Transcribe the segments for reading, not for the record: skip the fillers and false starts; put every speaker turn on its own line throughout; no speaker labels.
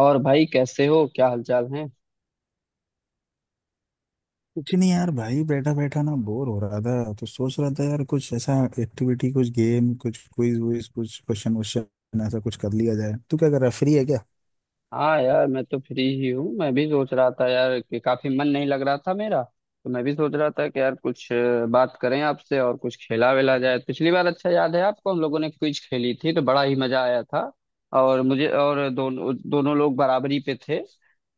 और भाई कैसे हो? क्या हालचाल है?
कुछ नहीं यार भाई, बैठा बैठा ना बोर हो रहा था तो सोच रहा था यार कुछ ऐसा एक्टिविटी, कुछ गेम, कुछ क्विज वुइज, कुछ क्वेश्चन वोश्चन, ऐसा कुछ कर लिया जाए। तू क्या कर रहा है? फ्री है क्या?
हाँ यार, मैं तो फ्री ही हूँ। मैं भी सोच रहा था यार कि काफी मन नहीं लग रहा था मेरा। तो मैं भी सोच रहा था कि यार कुछ बात करें आपसे और कुछ खेला वेला जाए। पिछली बार अच्छा याद है आपको, हम लोगों ने क्विज खेली थी, तो बड़ा ही मजा आया था। और मुझे और दोनों दोनों लोग बराबरी पे थे।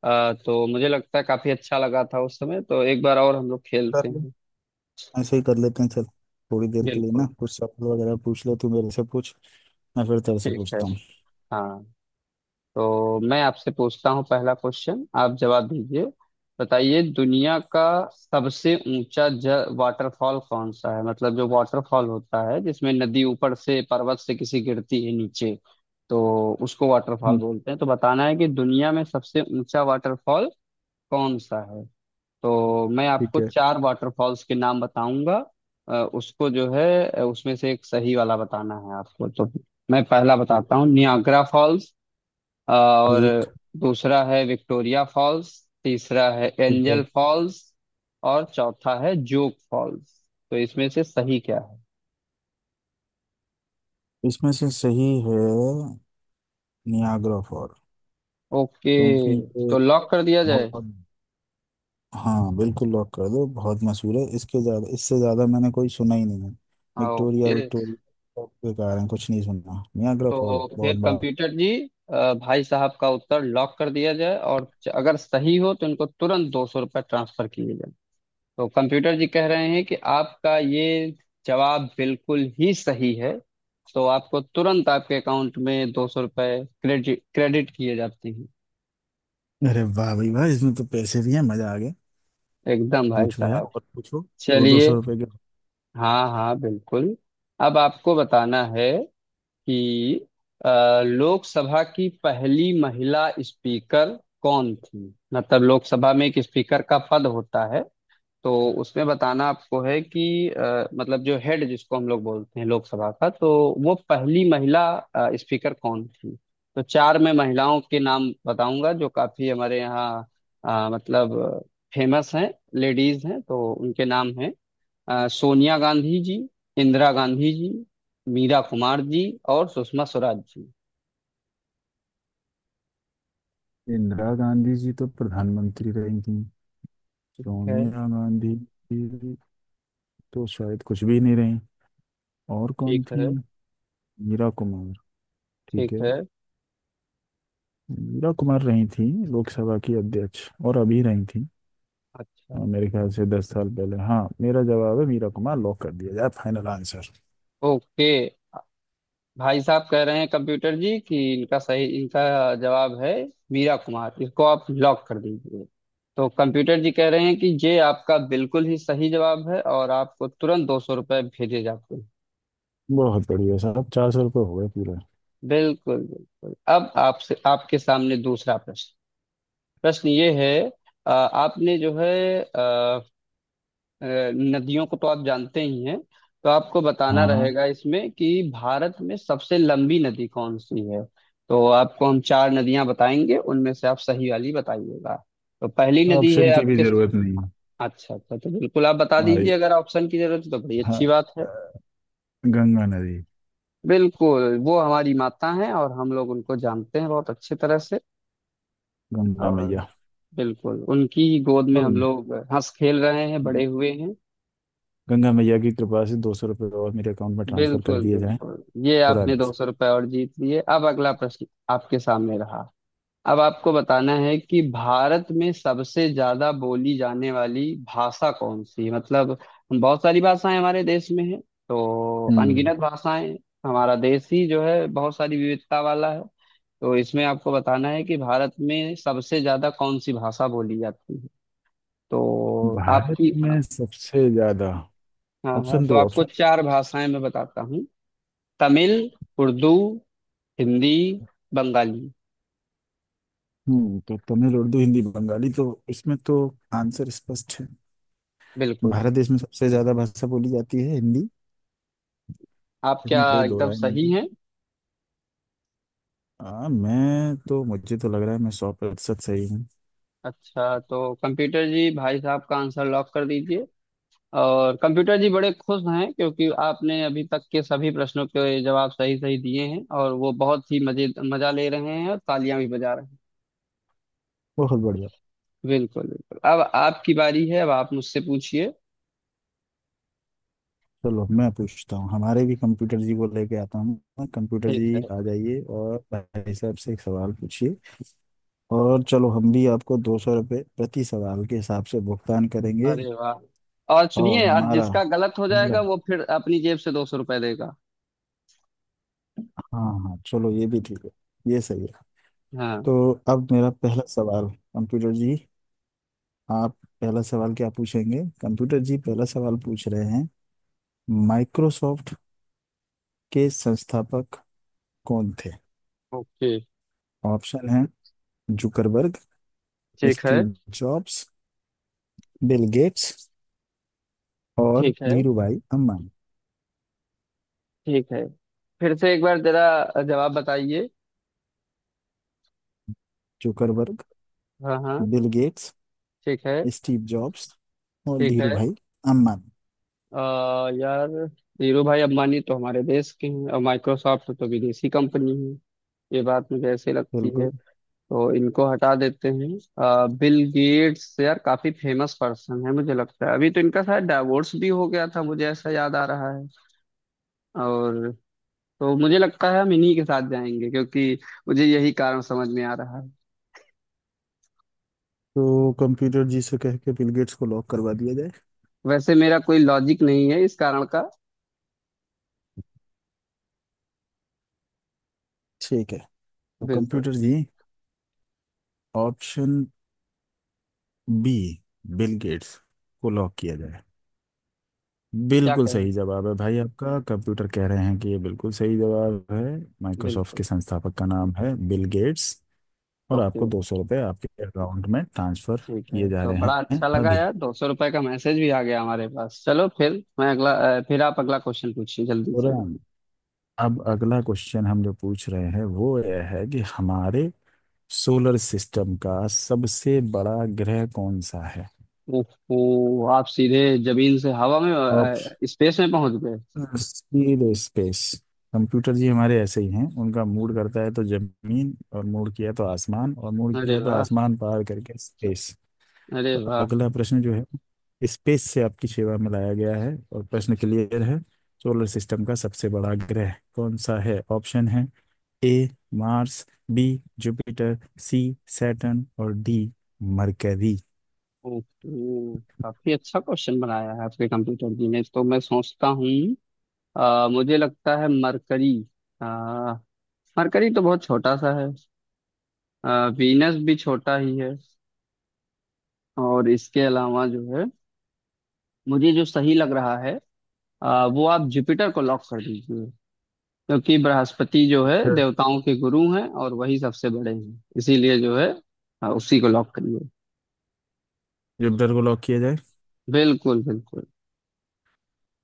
तो मुझे लगता है काफी अच्छा लगा था उस समय, तो एक बार और हम लोग खेलते
कर ले।
हैं।
ऐसे ही कर लेते हैं। चल थोड़ी देर के लिए ना
बिल्कुल।
कुछ सवाल वगैरह पूछ ले। तू मेरे से पूछ, मैं फिर तेरे से
ठीक है।
पूछता हूँ।
हाँ, तो मैं आपसे पूछता हूँ, पहला क्वेश्चन, आप जवाब दीजिए। बताइए, दुनिया का सबसे ऊंचा ज वाटरफॉल कौन सा है? मतलब जो वाटरफॉल होता है जिसमें नदी ऊपर से पर्वत से किसी गिरती है नीचे, तो उसको वाटरफॉल
हम्म।
बोलते हैं। तो बताना है कि दुनिया में सबसे ऊंचा वाटरफॉल कौन सा है। तो मैं
ठीक
आपको
है।
चार वाटरफॉल्स के नाम बताऊंगा। उसको जो है उसमें से एक सही वाला बताना है आपको। तो मैं पहला
ठीक।
बताता हूँ, नियाग्रा फॉल्स। और
ठीक।
दूसरा है विक्टोरिया फॉल्स। तीसरा है
ठीक है।
Angel falls. और चौथा है जोग फॉल्स। तो इसमें से सही क्या है?
इसमें से सही है नियाग्रा फॉल।
ओके,
क्योंकि ये
तो लॉक कर दिया जाए।
बहुत... हाँ बिल्कुल, लॉक कर दो, बहुत मशहूर है। इसके ज्यादा इससे ज्यादा मैंने कोई सुना ही नहीं है।
हाँ,
विक्टोरिया
ओके।
विक्टोरिया, सब बेकार है, कुछ नहीं सुनना, नियाग्रा फॉल
तो
बहुत
फिर
बड़ा।
कंप्यूटर जी, भाई साहब का उत्तर लॉक कर दिया जाए, और अगर सही हो तो इनको तुरंत 200 रुपये ट्रांसफर किए जाए। तो कंप्यूटर जी कह रहे हैं कि आपका ये जवाब बिल्कुल ही सही है, तो आपको तुरंत आपके अकाउंट में 200 रुपये क्रेडिट क्रेडिट किए जाते हैं।
अरे वाह भाई वाह, इसमें तो पैसे भी हैं, मजा आ गया।
एकदम भाई
पूछो यार
साहब।
और पूछो, दो दो
चलिए,
सौ रुपए के।
हाँ हाँ बिल्कुल। अब आपको बताना है कि अ, लोकसभा की पहली महिला स्पीकर कौन थी? मतलब लोकसभा में एक स्पीकर का पद होता है, तो उसमें बताना आपको है कि मतलब जो हेड जिसको हम लोग बोलते हैं लोकसभा का, तो वो पहली महिला स्पीकर कौन थी। तो चार मैं महिलाओं के नाम बताऊंगा जो काफी हमारे यहाँ मतलब फेमस हैं, लेडीज हैं। तो उनके नाम हैं सोनिया गांधी जी, इंदिरा गांधी जी, मीरा कुमार जी और सुषमा स्वराज जी।
इंदिरा गांधी जी तो प्रधानमंत्री रही थी।
ठीक है।
सोनिया गांधी जी तो शायद कुछ भी नहीं रही। और कौन
ठीक
थी?
है।
मीरा कुमार। ठीक है,
ठीक है।
मीरा कुमार रही थी लोकसभा की अध्यक्ष, और अभी रही थी।
अच्छा।
हाँ, मेरे ख्याल से 10 साल पहले। हाँ मेरा जवाब है मीरा कुमार, लॉक कर दिया जाए, फाइनल आंसर।
ओके, भाई साहब कह रहे हैं कंप्यूटर जी कि इनका सही, इनका जवाब है मीरा कुमार, इसको आप लॉक कर दीजिए। तो कंप्यूटर जी कह रहे हैं कि ये आपका बिल्कुल ही सही जवाब है, और आपको तुरंत 200 रुपये भेजे जाते हैं।
बहुत बढ़िया साहब, 400 रुपये हो गए पूरे।
बिल्कुल बिल्कुल। अब आपसे, आपके सामने दूसरा प्रश्न। प्रश्न ये है, आपने जो है अ, नदियों को तो आप जानते ही हैं, तो आपको बताना
हाँ,
रहेगा इसमें कि भारत में सबसे लंबी नदी कौन सी है। तो आपको हम चार नदियां बताएंगे, उनमें से आप सही वाली बताइएगा। तो पहली नदी है
ऑप्शन की भी
आपके।
जरूरत नहीं है।
अच्छा अच्छा, तो बिल्कुल आप बता
हमारी,
दीजिए, अगर ऑप्शन की जरूरत है तो बड़ी अच्छी
हाँ,
बात है।
गंगा नदी।
बिल्कुल, वो हमारी माता हैं और हम लोग उनको जानते हैं बहुत अच्छे तरह से।
गंगा
और
मैया।
बिल्कुल उनकी ही गोद में
और
हम लोग हंस खेल रहे हैं, बड़े हुए हैं।
गंगा मैया की कृपा से 200 रुपये और मेरे अकाउंट में ट्रांसफर कर
बिल्कुल
दिए जाएं।
बिल्कुल, ये आपने दो
तुरंत।
सौ रुपये और जीत लिए। अब अगला प्रश्न आपके सामने रहा। अब आपको बताना है कि भारत में सबसे ज्यादा बोली जाने वाली भाषा कौन सी है? मतलब बहुत सारी भाषाएं हमारे देश में हैं, तो
हम्म।
अनगिनत भाषाएं हैं। हमारा देश ही जो है बहुत सारी विविधता वाला है। तो इसमें आपको बताना है कि भारत में सबसे ज्यादा कौन सी भाषा बोली जाती है। तो
भारत
आपकी,
में सबसे ज्यादा...
हाँ हाँ,
ऑप्शन
तो
दो,
आपको
ऑप्शन।
चार भाषाएं मैं बताता हूँ। तमिल, उर्दू, हिंदी, बंगाली।
हम्म, तो तमिल उर्दू हिंदी बंगाली, तो इसमें तो आंसर स्पष्ट है।
बिल्कुल,
भारत देश में सबसे ज्यादा भाषा बोली जाती है हिंदी।
आप क्या
इसमें कोई दो
एकदम
राय नहीं
सही
है।
हैं।
मैं तो मुझे तो लग रहा है मैं 100% सही हूँ।
अच्छा, तो कंप्यूटर जी, भाई साहब का आंसर लॉक कर दीजिए। और कंप्यूटर जी बड़े खुश हैं क्योंकि आपने अभी तक के सभी प्रश्नों के जवाब सही सही दिए हैं, और वो बहुत ही मजे मजा ले रहे हैं और तालियां भी बजा रहे हैं।
बहुत बढ़िया।
बिल्कुल बिल्कुल, अब आपकी बारी है, अब आप मुझसे पूछिए।
चलो मैं पूछता हूँ, हमारे भी कंप्यूटर जी को लेके आता हूँ। कंप्यूटर
ठीक
जी
है।
आ जाइए और भाई साहब से एक सवाल पूछिए। और चलो हम भी आपको 200 रुपये प्रति सवाल के हिसाब से भुगतान करेंगे।
अरे वाह। और
और
सुनिए, आज
हमारा
जिसका गलत हो जाएगा
पहला...
वो फिर अपनी जेब से 200 रुपये देगा।
हाँ हाँ, चलो ये भी ठीक है। ये सही है।
हाँ।
तो अब मेरा पहला सवाल। कंप्यूटर जी, आप पहला सवाल क्या पूछेंगे? कंप्यूटर जी पहला सवाल पूछ रहे हैं। माइक्रोसॉफ्ट के संस्थापक कौन थे?
ओके।
ऑप्शन हैं जुकरबर्ग,
ठीक है।
स्टीव जॉब्स, बिल गेट्स और
ठीक है।
धीरूभाई अम्बानी।
ठीक है, फिर से एक बार जरा जवाब बताइए।
जुकरबर्ग,
हाँ हाँ।
बिल गेट्स,
ठीक है।
स्टीव जॉब्स और
ठीक है।
धीरूभाई अम्बानी।
यार, धीरू भाई अंबानी तो हमारे देश के हैं और माइक्रोसॉफ्ट तो विदेशी कंपनी है, ये बात मुझे ऐसे लगती है,
बिल्कुल,
तो इनको हटा देते हैं। बिल गेट्स यार काफी फेमस पर्सन है, मुझे लगता है अभी तो इनका शायद डाइवोर्स भी हो गया था, मुझे ऐसा याद आ रहा है। और तो मुझे लगता है हम इन्हीं के साथ जाएंगे, क्योंकि मुझे यही कारण समझ में आ रहा है।
तो कंप्यूटर जी से कह के बिल गेट्स को लॉक करवा दिया जाए।
वैसे मेरा कोई लॉजिक नहीं है इस कारण का।
ठीक है, तो
बिल्कुल।
Computer ji, option B, Bill Gates को लॉक किया जाए।
क्या
बिल्कुल
कहें।
सही जवाब है भाई आपका, कंप्यूटर कह रहे हैं कि ये बिल्कुल सही जवाब है। माइक्रोसॉफ्ट
बिल्कुल।
के संस्थापक का नाम है बिल गेट्स। और
ओके।
आपको 200 रुपये आपके अकाउंट में ट्रांसफर
ठीक
किए
है,
जा
तो
रहे
बड़ा
हैं
अच्छा लगा
अभी।
यार, 200 रुपए का मैसेज भी आ गया हमारे पास। चलो फिर मैं अगला, फिर आप अगला क्वेश्चन पूछिए जल्दी से।
तुरंत। अब अगला क्वेश्चन हम जो पूछ रहे हैं वो यह है कि हमारे सोलर सिस्टम का सबसे बड़ा ग्रह कौन सा।
ओहो, आप सीधे जमीन से हवा में
है
स्पेस में पहुंच गए।
सीधे स्पेस। कंप्यूटर जी हमारे ऐसे ही हैं, उनका मूड करता है तो जमीन, और मूड किया तो आसमान, और मूड
अरे
किया तो
वाह।
आसमान पार करके स्पेस।
अरे
तो
वाह।
अगला प्रश्न जो है स्पेस से आपकी सेवा में लाया गया है, और प्रश्न क्लियर है। सोलर सिस्टम का सबसे बड़ा ग्रह कौन सा है? ऑप्शन है A Mars, B Jupiter, C Saturn और डी मरकरी।
ओहो, काफी अच्छा क्वेश्चन बनाया है आपके कंप्यूटर जी ने। तो मैं सोचता हूँ, मुझे लगता है मरकरी, अ, मरकरी तो बहुत छोटा सा है, अ, वीनस भी छोटा ही है। और इसके अलावा जो है, मुझे जो सही लग रहा है, वो आप जुपिटर को लॉक कर दीजिए, क्योंकि बृहस्पति जो है
Sure.
देवताओं के गुरु हैं और वही सबसे बड़े हैं। इसीलिए जो है, उसी को लॉक करिए।
जुपिटर को लॉक किया जाए।
बिल्कुल बिल्कुल।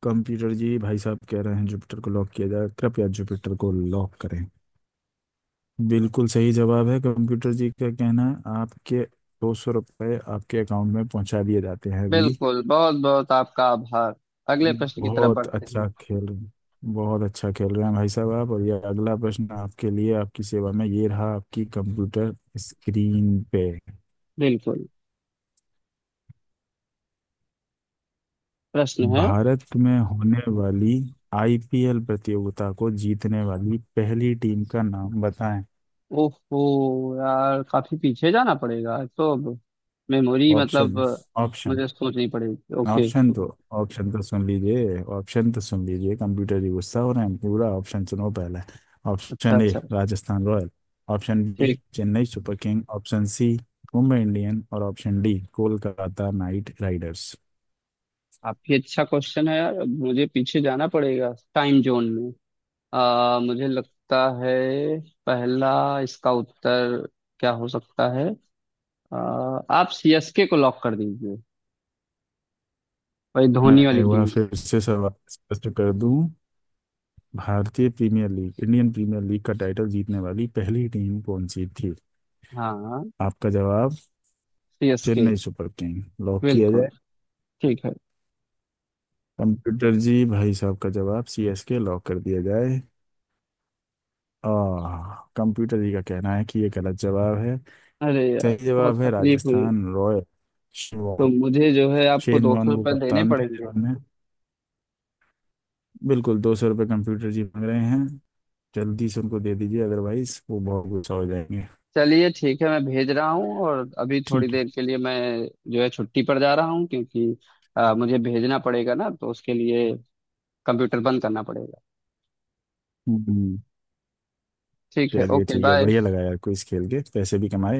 कंप्यूटर जी भाई साहब कह रहे हैं जुपिटर को लॉक किया जाए, कृपया जुपिटर को लॉक करें। बिल्कुल सही जवाब है, कंप्यूटर जी का कहना है, आपके 200 रुपये आपके अकाउंट में पहुंचा दिए जाते हैं अभी।
बिल्कुल बहुत बहुत आपका आभार। अगले प्रश्न की तरफ
बहुत
बढ़ते
अच्छा
हैं।
खेल रहे हैं, बहुत अच्छा खेल रहे हैं भाई साहब आप, और ये अगला प्रश्न आपके लिए, आपकी सेवा में ये रहा आपकी कंप्यूटर स्क्रीन पे।
बिल्कुल। प्रश्न है।
भारत में होने वाली आईपीएल प्रतियोगिता को जीतने वाली पहली टीम का नाम बताएं।
ओहो यार, काफी पीछे जाना पड़ेगा, तो अब मेमोरी
ऑप्शन
मतलब
ऑप्शन
मुझे सोचनी पड़ेगी। ओके।
ऑप्शन तो ऑप्शन तो सुन लीजिए, ऑप्शन तो सुन लीजिए, कंप्यूटर ही गुस्सा हो रहे हैं, पूरा ऑप्शन सुनो पहले।
अच्छा
ऑप्शन ए
अच्छा।
राजस्थान रॉयल, ऑप्शन बी
ठीक।
Chennai super king, option C Mumbai Indian और option D Kolkata knight riders.
काफी अच्छा क्वेश्चन है यार, मुझे पीछे जाना पड़ेगा टाइम जोन में। मुझे लगता है, पहला, इसका उत्तर क्या हो सकता है, आ, आप सीएसके को लॉक कर दीजिए, वही
मैं
धोनी वाली
एक बार
टीम।
फिर से सवाल स्पष्ट कर दूं। भारतीय premier league Indian premier league का टाइटल जीतने वाली पहली टीम कौन सी थी?
हाँ।
आपका जवाब,
CSK.
Chennai super king lock किया
बिल्कुल।
जाए।
ठीक है।
कंप्यूटर जी, भाई साहब का जवाब सीएसके लॉक कर दिया जाए। आह, कंप्यूटर जी का कहना है कि ये गलत जवाब है।
अरे
सही
यार, बहुत
जवाब है
तकलीफ हुई,
राजस्थान रॉयल।
तो
शेन
मुझे जो है आपको
शेन
दो सौ
वॉर्न वो
रुपये देने
कप्तान थे
पड़ेंगे।
जिन्होंने... बिल्कुल, 200 रुपये कंप्यूटर जी मांग रहे हैं, जल्दी से उनको दे दीजिए, अदरवाइज वो बहुत गुस्सा हो जाएंगे।
चलिए ठीक है, मैं भेज रहा हूँ, और अभी थोड़ी
ठीक है।
देर के लिए मैं जो है छुट्टी पर जा रहा हूँ क्योंकि मुझे भेजना पड़ेगा ना, तो उसके लिए कंप्यूटर बंद करना पड़ेगा।
हम्म,
ठीक है,
चलिए
ओके
ठीक है,
बाय।
बढ़िया लगा यार क्विज खेल के पैसे भी कमाए।